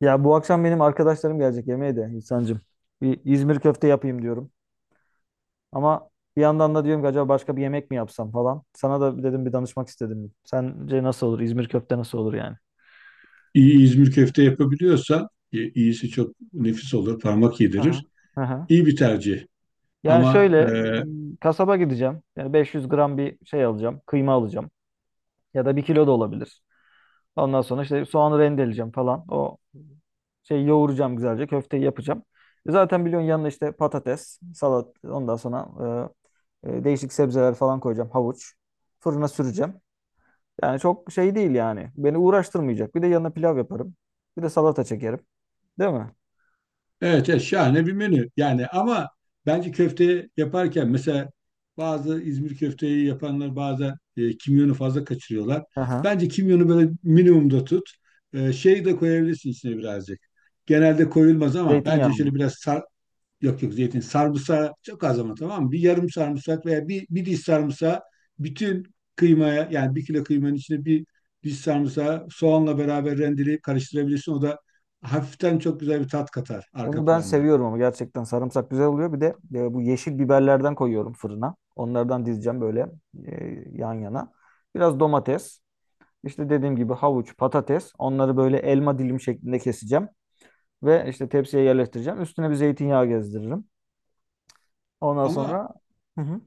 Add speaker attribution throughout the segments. Speaker 1: Ya bu akşam benim arkadaşlarım gelecek yemeğe de İhsan'cığım. Bir İzmir köfte yapayım diyorum. Ama bir yandan da diyorum ki acaba başka bir yemek mi yapsam falan. Sana da dedim, bir danışmak istedim. Sence nasıl olur? İzmir köfte nasıl olur yani?
Speaker 2: İyi İzmir köfte yapabiliyorsan iyisi çok nefis olur, parmak
Speaker 1: Aha.
Speaker 2: yedirir.
Speaker 1: Aha.
Speaker 2: İyi bir tercih.
Speaker 1: Yani
Speaker 2: Ama
Speaker 1: şöyle
Speaker 2: e,
Speaker 1: m, kasaba gideceğim. Yani 500 gram bir şey alacağım. Kıyma alacağım. Ya da 1 kilo da olabilir. Ondan sonra işte soğanı rendeleyeceğim falan. O şey yoğuracağım güzelce. Köfteyi yapacağım. Zaten biliyorsun, yanına işte patates, salat, ondan sonra değişik sebzeler falan koyacağım. Havuç. Fırına süreceğim. Yani çok şey değil yani. Beni uğraştırmayacak. Bir de yanına pilav yaparım. Bir de salata çekerim. Değil mi?
Speaker 2: evet, evet, şahane bir menü. Yani ama bence köfte yaparken mesela bazı İzmir köfteyi yapanlar bazen kimyonu fazla kaçırıyorlar.
Speaker 1: Aha.
Speaker 2: Bence kimyonu böyle minimumda tut. Şey de koyabilirsin içine birazcık. Genelde koyulmaz ama bence
Speaker 1: Zeytinyağı
Speaker 2: şöyle
Speaker 1: mı?
Speaker 2: biraz sar. Yok yok, zeytin. Sarımsağı çok az, ama tamam mı? Bir yarım sarımsak veya bir diş sarımsağı, bütün kıymaya, yani 1 kilo kıymanın içine bir diş sarımsağı soğanla beraber rendeleyip karıştırabilirsin. O da hafiften çok güzel bir tat katar arka
Speaker 1: Onu ben
Speaker 2: planda.
Speaker 1: seviyorum, ama gerçekten sarımsak güzel oluyor. Bir de bu yeşil biberlerden koyuyorum fırına. Onlardan dizeceğim böyle yan yana. Biraz domates. İşte dediğim gibi havuç, patates. Onları böyle elma dilim şeklinde keseceğim. Ve işte tepsiye yerleştireceğim. Üstüne bir zeytinyağı gezdiririm. Ondan
Speaker 2: Ama
Speaker 1: sonra, hı hı.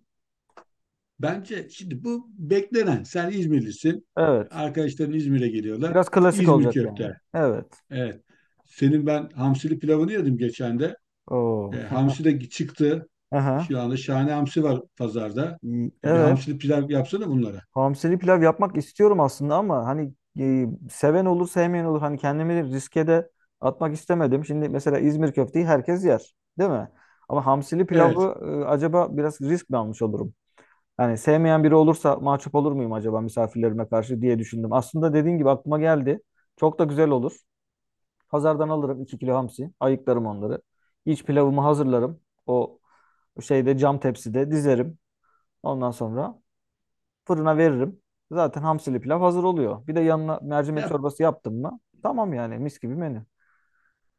Speaker 2: Bence şimdi bu beklenen. Sen İzmirlisin.
Speaker 1: Evet.
Speaker 2: Arkadaşların İzmir'e geliyorlar.
Speaker 1: Biraz klasik
Speaker 2: İzmir
Speaker 1: olacak yani.
Speaker 2: köfte.
Speaker 1: Evet.
Speaker 2: Evet. Senin ben hamsili pilavını yedim geçen de.
Speaker 1: Oo.
Speaker 2: Hamsi de çıktı.
Speaker 1: Aha.
Speaker 2: Şu anda şahane hamsi var pazarda.
Speaker 1: İyi.
Speaker 2: Bir
Speaker 1: Evet.
Speaker 2: hamsili pilav yapsana bunlara.
Speaker 1: Hamsili pilav yapmak istiyorum aslında, ama hani e, seven olur sevmeyen olur. Hani kendimi riske de atmak istemedim. Şimdi mesela İzmir köfteyi herkes yer. Değil mi? Ama hamsili
Speaker 2: Evet.
Speaker 1: pilavı, acaba biraz risk mi almış olurum? Yani sevmeyen biri olursa mahcup olur muyum acaba misafirlerime karşı diye düşündüm. Aslında dediğin gibi aklıma geldi. Çok da güzel olur. Pazardan alırım 2 kilo hamsi. Ayıklarım onları. İç pilavımı hazırlarım. O şeyde, cam tepside dizerim. Ondan sonra fırına veririm. Zaten hamsili pilav hazır oluyor. Bir de yanına mercimek
Speaker 2: Yap.
Speaker 1: çorbası yaptım mı? Tamam yani, mis gibi menü.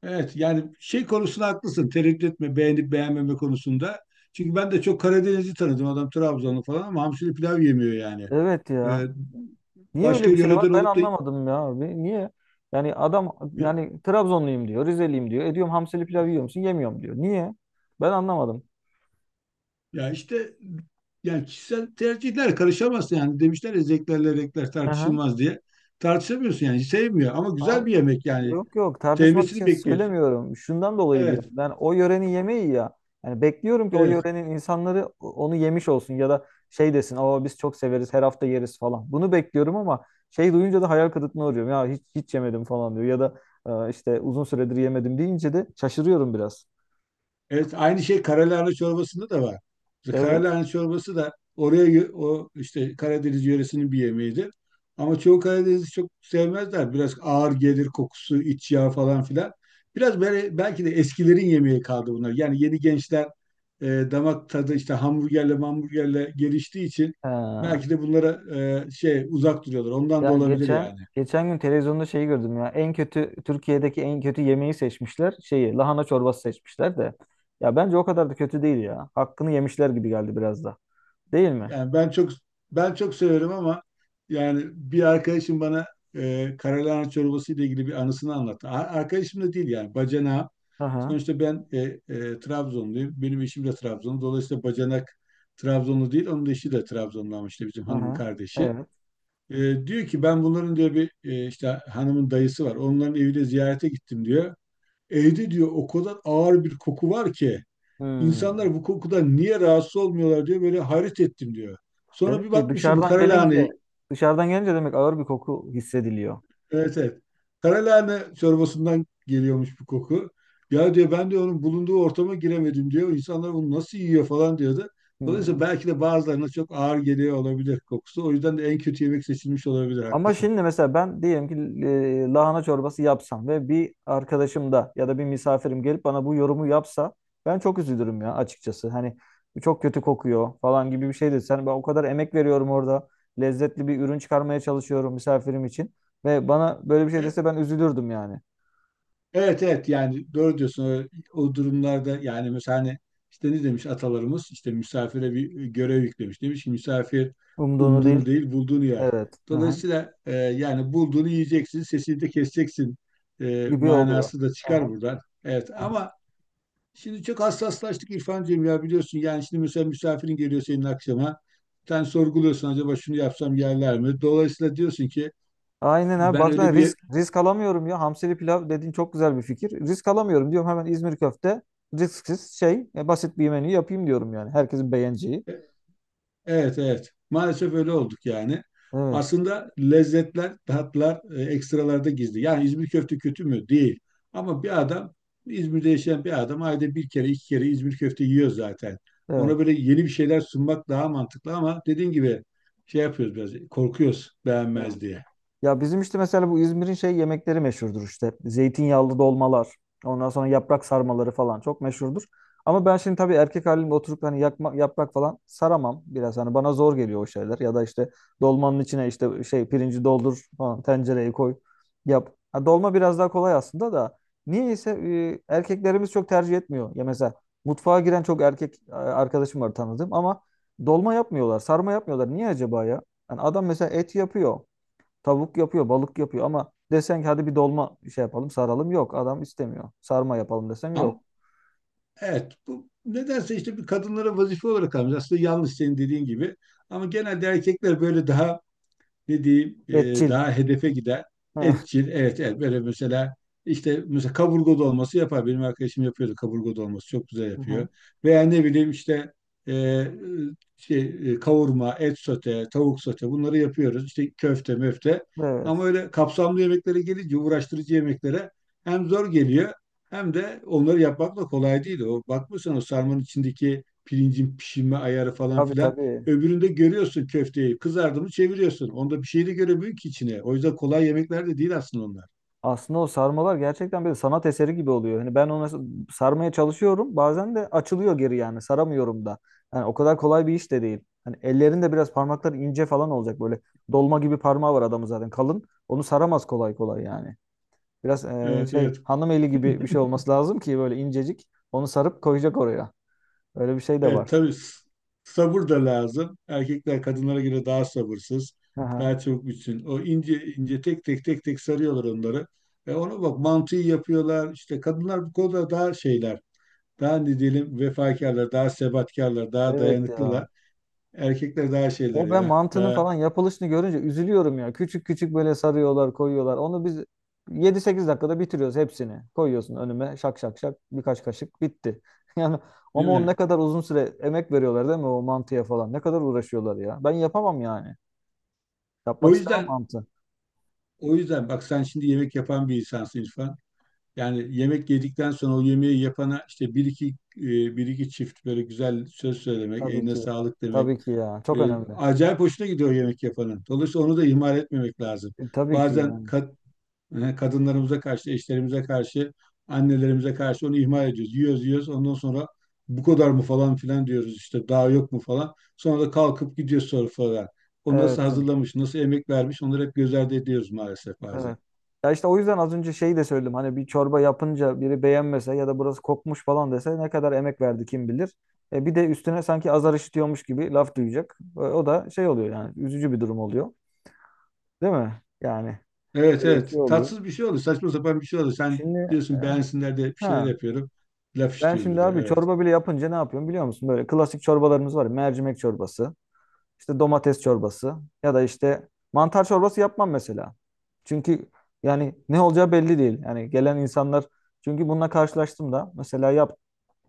Speaker 2: Evet. Yani şey konusunda haklısın. Tereddüt etme beğenip beğenmeme konusunda. Çünkü ben de çok Karadeniz'i tanıdım. Adam Trabzonlu falan ama hamsili pilav yemiyor yani.
Speaker 1: Evet ya.
Speaker 2: E,
Speaker 1: Niye
Speaker 2: Başka
Speaker 1: öyle bir şey var?
Speaker 2: yöreden
Speaker 1: Ben
Speaker 2: olup da,
Speaker 1: anlamadım ya abi. Niye? Yani adam, yani Trabzonluyum diyor, Rizeliyim diyor. E diyorum, hamsili pilav yiyor musun? Yemiyorum diyor. Niye? Ben anlamadım.
Speaker 2: ya işte, yani kişisel tercihler, karışamazsın yani. Demişler ya, zevklerle renkler
Speaker 1: Hı hı.
Speaker 2: tartışılmaz diye. Tartışamıyorsun yani, sevmiyor ama
Speaker 1: Ay-
Speaker 2: güzel bir yemek yani.
Speaker 1: Yok yok, tartışmak
Speaker 2: Sevmesini
Speaker 1: için
Speaker 2: bekliyorsun.
Speaker 1: söylemiyorum. Şundan dolayı diyorum.
Speaker 2: Evet,
Speaker 1: Ben o yörenin yemeği ya. Yani bekliyorum ki o
Speaker 2: evet.
Speaker 1: yörenin insanları onu yemiş olsun ya da şey desin, "Aa, biz çok severiz, her hafta yeriz falan." Bunu bekliyorum ama şey duyunca da hayal kırıklığına uğruyorum. Ya hiç hiç yemedim falan diyor, ya da "Aa, işte uzun süredir yemedim" deyince de şaşırıyorum biraz.
Speaker 2: Evet, aynı şey karalahana çorbasında da var. İşte
Speaker 1: Evet.
Speaker 2: karalahana çorbası da oraya, o işte Karadeniz yöresinin bir yemeğidir. Ama çoğu Karadeniz'i çok sevmezler. Biraz ağır gelir kokusu, iç yağ falan filan. Biraz böyle belki de eskilerin yemeği kaldı bunlar. Yani yeni gençler e, damak tadı işte hamburgerle geliştiği için
Speaker 1: Ha.
Speaker 2: belki de bunlara şey, uzak duruyorlar. Ondan da
Speaker 1: Ya
Speaker 2: olabilir
Speaker 1: geçen
Speaker 2: yani.
Speaker 1: geçen gün televizyonda şeyi gördüm ya. En kötü Türkiye'deki en kötü yemeği seçmişler. Şeyi, lahana çorbası seçmişler de. Ya bence o kadar da kötü değil ya. Hakkını yemişler gibi geldi biraz da. Değil mi?
Speaker 2: Yani ben çok severim ama yani bir arkadaşım bana karalahana çorbası ile ilgili bir anısını anlattı. Arkadaşım da değil yani, bacanağı.
Speaker 1: Hı hı.
Speaker 2: Sonuçta ben Trabzonluyum. Benim eşim de Trabzonlu. Dolayısıyla bacanak Trabzonlu değil. Onun da eşi de Trabzonlu, ama işte bizim
Speaker 1: Hı
Speaker 2: hanımın
Speaker 1: hı.
Speaker 2: kardeşi.
Speaker 1: Evet.
Speaker 2: Diyor ki, ben bunların diyor, bir işte hanımın dayısı var. Onların evine ziyarete gittim diyor. Evde diyor o kadar ağır bir koku var ki,
Speaker 1: Hmm.
Speaker 2: İnsanlar bu kokudan niye rahatsız olmuyorlar diyor. Böyle hayret ettim diyor. Sonra bir
Speaker 1: Demek ki
Speaker 2: bakmış ki bu
Speaker 1: dışarıdan gelince,
Speaker 2: karalahane.
Speaker 1: demek ağır bir koku hissediliyor.
Speaker 2: Evet, evet. Karalahane çorbasından geliyormuş bu koku. Ya diyor, ben diyor onun bulunduğu ortama giremedim diyor. İnsanlar bunu nasıl yiyor falan diyordu. Dolayısıyla
Speaker 1: Hmm.
Speaker 2: belki de bazılarına çok ağır geliyor olabilir kokusu. O yüzden de en kötü yemek seçilmiş olabilir,
Speaker 1: Ama
Speaker 2: haklısın.
Speaker 1: şimdi mesela ben diyelim ki lahana çorbası yapsam ve bir arkadaşım da ya da bir misafirim gelip bana bu yorumu yapsa, ben çok üzülürüm ya açıkçası. Hani bu çok kötü kokuyor falan gibi bir şey desen, ben o kadar emek veriyorum orada. Lezzetli bir ürün çıkarmaya çalışıyorum misafirim için ve bana böyle bir şey
Speaker 2: E,
Speaker 1: dese, ben üzülürdüm yani.
Speaker 2: Evet, evet, yani doğru diyorsun o durumlarda. Yani mesela hani işte ne demiş atalarımız, işte misafire bir görev yüklemiş, demiş ki misafir
Speaker 1: Umduğunu
Speaker 2: umduğunu
Speaker 1: değil.
Speaker 2: değil bulduğunu yer.
Speaker 1: Evet. Aha.
Speaker 2: Dolayısıyla yani bulduğunu yiyeceksin, sesini de keseceksin
Speaker 1: Gibi oluyor.
Speaker 2: manası da çıkar
Speaker 1: Aha.
Speaker 2: buradan. Evet
Speaker 1: Aha.
Speaker 2: ama şimdi çok hassaslaştık İrfancığım, ya biliyorsun. Yani şimdi mesela misafirin geliyor senin akşama, sen sorguluyorsun, acaba şunu yapsam yerler mi? Dolayısıyla diyorsun ki,
Speaker 1: Aynen abi,
Speaker 2: ben öyle
Speaker 1: baksana,
Speaker 2: bir.
Speaker 1: risk alamıyorum ya. Hamsili pilav dediğin çok güzel bir fikir. Risk alamıyorum diyorum, hemen İzmir köfte, risksiz şey, basit bir menü yapayım diyorum yani. Herkesin beğeneceği.
Speaker 2: Evet, evet. Maalesef öyle olduk yani.
Speaker 1: Evet.
Speaker 2: Aslında lezzetler, tatlar ekstralarda gizli. Yani İzmir köfte kötü mü? Değil. Ama bir adam, İzmir'de yaşayan bir adam ayda bir kere, iki kere İzmir köfte yiyor zaten.
Speaker 1: Evet.
Speaker 2: Ona böyle yeni bir şeyler sunmak daha mantıklı, ama dediğin gibi şey yapıyoruz biraz, korkuyoruz beğenmez diye.
Speaker 1: Ya bizim işte mesela bu İzmir'in şey yemekleri meşhurdur işte. Zeytinyağlı dolmalar, ondan sonra yaprak sarmaları falan çok meşhurdur. Ama ben şimdi tabii erkek halimle oturup hani yakma, yaprak falan saramam biraz. Hani bana zor geliyor o şeyler. Ya da işte dolmanın içine işte şey pirinci doldur falan, tencereye koy, yap. Ha, dolma biraz daha kolay aslında da. Niyeyse erkeklerimiz çok tercih etmiyor. Ya mesela mutfağa giren çok erkek arkadaşım var tanıdığım, ama dolma yapmıyorlar, sarma yapmıyorlar. Niye acaba ya? Yani adam mesela et yapıyor. Tavuk yapıyor, balık yapıyor, ama desen ki hadi bir dolma şey yapalım, saralım. Yok, adam istemiyor. Sarma yapalım desem yok.
Speaker 2: Ama evet, bu nedense işte bir kadınlara vazife olarak almış. Aslında yanlış, senin dediğin gibi. Ama genelde erkekler böyle daha ne diyeyim,
Speaker 1: Etçil.
Speaker 2: daha hedefe giden.
Speaker 1: Hı
Speaker 2: Etçil, evet, evet, böyle mesela işte mesela kaburga dolması yapar. Benim arkadaşım yapıyordu kaburga dolması, çok güzel yapıyor.
Speaker 1: hı.
Speaker 2: Veya ne bileyim işte, e, şey, kavurma, et sote, tavuk sote, bunları yapıyoruz. İşte köfte, möfte.
Speaker 1: Evet.
Speaker 2: Ama öyle kapsamlı yemeklere gelince, uğraştırıcı yemeklere, hem zor geliyor hem de onları yapmak da kolay değil. O bakmışsın o sarmanın içindeki pirincin pişirme ayarı falan
Speaker 1: Tabii
Speaker 2: filan.
Speaker 1: tabii.
Speaker 2: Öbüründe görüyorsun köfteyi. Kızardı mı çeviriyorsun. Onda bir şey de göremiyor ki içine. O yüzden kolay yemekler de değil aslında onlar.
Speaker 1: Aslında o sarmalar gerçekten bir sanat eseri gibi oluyor. Hani ben ona sarmaya çalışıyorum. Bazen de açılıyor geri yani. Saramıyorum da. Yani o kadar kolay bir iş de değil. Hani ellerinde biraz parmakları ince falan olacak böyle. Dolma gibi parmağı var adamın, zaten kalın. Onu saramaz kolay kolay yani. Biraz
Speaker 2: Evet,
Speaker 1: şey,
Speaker 2: evet.
Speaker 1: hanım eli gibi bir şey olması lazım ki böyle incecik. Onu sarıp koyacak oraya. Öyle bir şey de
Speaker 2: Evet,
Speaker 1: var.
Speaker 2: tabii, sabır da lazım. Erkekler kadınlara göre daha sabırsız.
Speaker 1: Aha.
Speaker 2: Daha çabuk bitsin. O ince ince tek tek tek tek sarıyorlar onları. E ona bak, mantıyı yapıyorlar. İşte kadınlar bu konuda daha şeyler. Daha ne diyelim, vefakarlar, daha sebatkarlar, daha
Speaker 1: Evet ya.
Speaker 2: dayanıklılar. Erkekler daha şeyler
Speaker 1: O ben
Speaker 2: ya.
Speaker 1: mantının
Speaker 2: Daha,
Speaker 1: falan yapılışını görünce üzülüyorum ya. Küçük küçük böyle sarıyorlar, koyuyorlar. Onu biz 7-8 dakikada bitiriyoruz hepsini. Koyuyorsun önüme, şak şak şak, birkaç kaşık bitti. Yani
Speaker 2: değil
Speaker 1: ama ne
Speaker 2: mi?
Speaker 1: kadar uzun süre emek veriyorlar değil mi o mantıya falan. Ne kadar uğraşıyorlar ya. Ben yapamam yani. Yapmak
Speaker 2: O
Speaker 1: istemem
Speaker 2: yüzden
Speaker 1: mantı.
Speaker 2: O yüzden bak, sen şimdi yemek yapan bir insansın İrfan. Yani yemek yedikten sonra o yemeği yapana işte e, bir iki çift böyle güzel söz söylemek,
Speaker 1: Tabii
Speaker 2: eline
Speaker 1: ki.
Speaker 2: sağlık demek
Speaker 1: Tabii ki ya. Çok
Speaker 2: ve
Speaker 1: önemli.
Speaker 2: acayip hoşuna gidiyor yemek yapanın. Dolayısıyla onu da ihmal etmemek lazım.
Speaker 1: Tabii ki
Speaker 2: Bazen
Speaker 1: yani.
Speaker 2: kadınlarımıza karşı, eşlerimize karşı, annelerimize karşı onu ihmal ediyoruz. Yiyoruz, yiyoruz. Ondan sonra, bu kadar mı falan filan diyoruz, işte daha yok mu falan. Sonra da kalkıp gidiyoruz sonra falan. O nasıl
Speaker 1: Evet.
Speaker 2: hazırlamış, nasıl emek vermiş, onları hep göz ardı ediyoruz maalesef bazen.
Speaker 1: Evet. Ya işte o yüzden az önce şeyi de söyledim. Hani bir çorba yapınca biri beğenmese ya da burası kokmuş falan dese, ne kadar emek verdi kim bilir. Bir de üstüne sanki azar işitiyormuş gibi laf duyacak. O da şey oluyor yani, üzücü bir durum oluyor. Değil mi? Yani
Speaker 2: Evet,
Speaker 1: öyle bir
Speaker 2: evet.
Speaker 1: şey oluyor.
Speaker 2: Tatsız bir şey olur. Saçma sapan bir şey olur. Sen
Speaker 1: Şimdi,
Speaker 2: diyorsun beğensinler de, bir şeyler
Speaker 1: ha
Speaker 2: yapıyorum. Laf
Speaker 1: ben
Speaker 2: istiyoruz bir
Speaker 1: şimdi
Speaker 2: de.
Speaker 1: abi
Speaker 2: Evet.
Speaker 1: çorba bile yapınca ne yapıyorum biliyor musun? Böyle klasik çorbalarımız var. Ya, mercimek çorbası, işte domates çorbası, ya da işte mantar çorbası yapmam mesela. Çünkü yani ne olacağı belli değil. Yani gelen insanlar, çünkü bununla karşılaştım da, mesela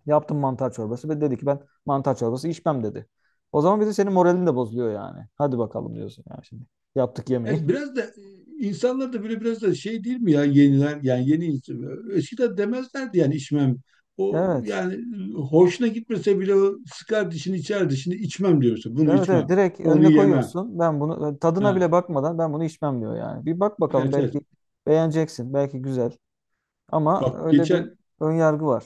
Speaker 1: yaptım mantar çorbası ve dedi ki, ben mantar çorbası içmem dedi. O zaman bir senin moralin de bozuluyor yani. Hadi bakalım diyorsun yani şimdi. Yaptık yemeği.
Speaker 2: Evet biraz da insanlar da böyle biraz da şey, değil mi? Ya yeniler, yani eskiden demezlerdi yani içmem. O
Speaker 1: Evet.
Speaker 2: yani hoşuna gitmese bile o sıkar dişini içer, dişini içmem diyorsun. Bunu
Speaker 1: Evet evet,
Speaker 2: içmem.
Speaker 1: direkt
Speaker 2: Onu
Speaker 1: önüne
Speaker 2: yemem.
Speaker 1: koyuyorsun. Ben bunu, tadına bile
Speaker 2: Ha.
Speaker 1: bakmadan ben bunu içmem diyor yani. Bir bak bakalım,
Speaker 2: Evet, evet.
Speaker 1: belki beğeneceksin. Belki güzel. Ama
Speaker 2: Bak
Speaker 1: öyle bir
Speaker 2: geçen
Speaker 1: ön yargı var.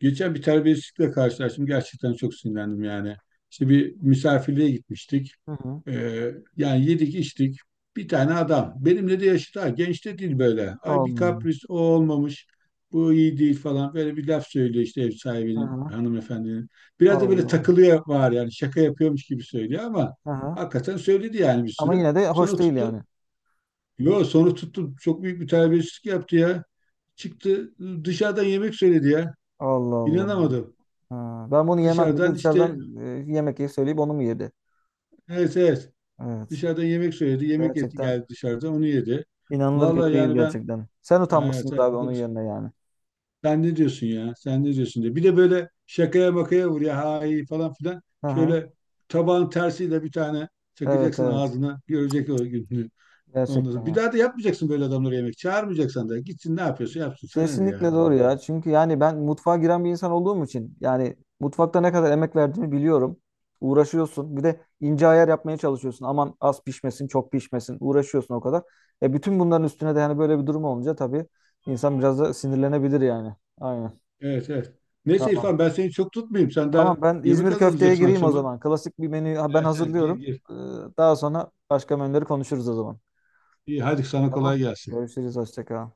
Speaker 2: geçen bir terbiyesizlikle karşılaştım. Gerçekten çok sinirlendim yani. İşte bir misafirliğe gitmiştik.
Speaker 1: Hı hı.
Speaker 2: Ee, Yani yedik içtik. Bir tane adam. Benimle de yaşıt ha. Genç de değil böyle. Ay bir
Speaker 1: Olmadı.
Speaker 2: kapris, o olmamış. Bu iyi değil falan. Böyle bir laf söylüyor işte ev sahibinin,
Speaker 1: Aha.
Speaker 2: hanımefendinin. Biraz da böyle
Speaker 1: Allah Allah.
Speaker 2: takılıyor var yani. Şaka yapıyormuş gibi söylüyor ama
Speaker 1: Aha.
Speaker 2: hakikaten söyledi yani, bir
Speaker 1: Ama
Speaker 2: sürü.
Speaker 1: yine de hoş
Speaker 2: Sonra
Speaker 1: değil
Speaker 2: tuttu.
Speaker 1: yani.
Speaker 2: Yo, sonra tuttu. Çok büyük bir terbiyesizlik yaptı ya. Çıktı dışarıdan yemek söyledi ya.
Speaker 1: Allah Allah.
Speaker 2: İnanamadım.
Speaker 1: Ha. Ben bunu yemem
Speaker 2: Dışarıdan
Speaker 1: dedi.
Speaker 2: işte,
Speaker 1: Dışarıdan yemek yiyip söyleyip onu mu yedi?
Speaker 2: evet, evet.
Speaker 1: Evet.
Speaker 2: Dışarıdan yemek söyledi.
Speaker 1: Gerçekten
Speaker 2: Geldi dışarıdan, onu yedi.
Speaker 1: inanılır gibi
Speaker 2: Vallahi
Speaker 1: değil
Speaker 2: yani ben,
Speaker 1: gerçekten. Sen
Speaker 2: evet,
Speaker 1: utanmışsındır
Speaker 2: evet,
Speaker 1: abi
Speaker 2: bu
Speaker 1: onun
Speaker 2: kadar.
Speaker 1: yerine yani.
Speaker 2: Sen ne diyorsun ya? Sen ne diyorsun diye. Bir de böyle şakaya makaya vur, ya ha iyi falan filan.
Speaker 1: Aha.
Speaker 2: Şöyle tabağın tersiyle bir tane
Speaker 1: Evet
Speaker 2: çakacaksın
Speaker 1: evet.
Speaker 2: ağzına. Görecek o gününü. Ondan
Speaker 1: Gerçekten
Speaker 2: sonra bir
Speaker 1: yani.
Speaker 2: daha da yapmayacaksın böyle adamlara yemek. Çağırmayacaksan da gitsin ne yapıyorsa yapsın. Sana ne ya,
Speaker 1: Kesinlikle doğru
Speaker 2: Allah Allah.
Speaker 1: ya. Çünkü yani ben mutfağa giren bir insan olduğum için yani, mutfakta ne kadar emek verdiğimi biliyorum. Uğraşıyorsun. Bir de ince ayar yapmaya çalışıyorsun. Aman az pişmesin, çok pişmesin. Uğraşıyorsun o kadar. Bütün bunların üstüne de yani böyle bir durum olunca tabii, insan biraz da sinirlenebilir yani. Aynen.
Speaker 2: Evet, evet. Neyse
Speaker 1: Tamam.
Speaker 2: İrfan, ben seni çok tutmayayım. Sen
Speaker 1: Tamam,
Speaker 2: daha
Speaker 1: ben
Speaker 2: yemek
Speaker 1: İzmir köfteye
Speaker 2: hazırlayacaksın
Speaker 1: gireyim o
Speaker 2: akşama.
Speaker 1: zaman. Klasik bir menü ben
Speaker 2: Evet, evet, gir
Speaker 1: hazırlıyorum.
Speaker 2: gir.
Speaker 1: Daha sonra başka menüleri konuşuruz o zaman.
Speaker 2: İyi, hadi sana
Speaker 1: Tamam.
Speaker 2: kolay gelsin.
Speaker 1: Görüşürüz. Hoşça kal.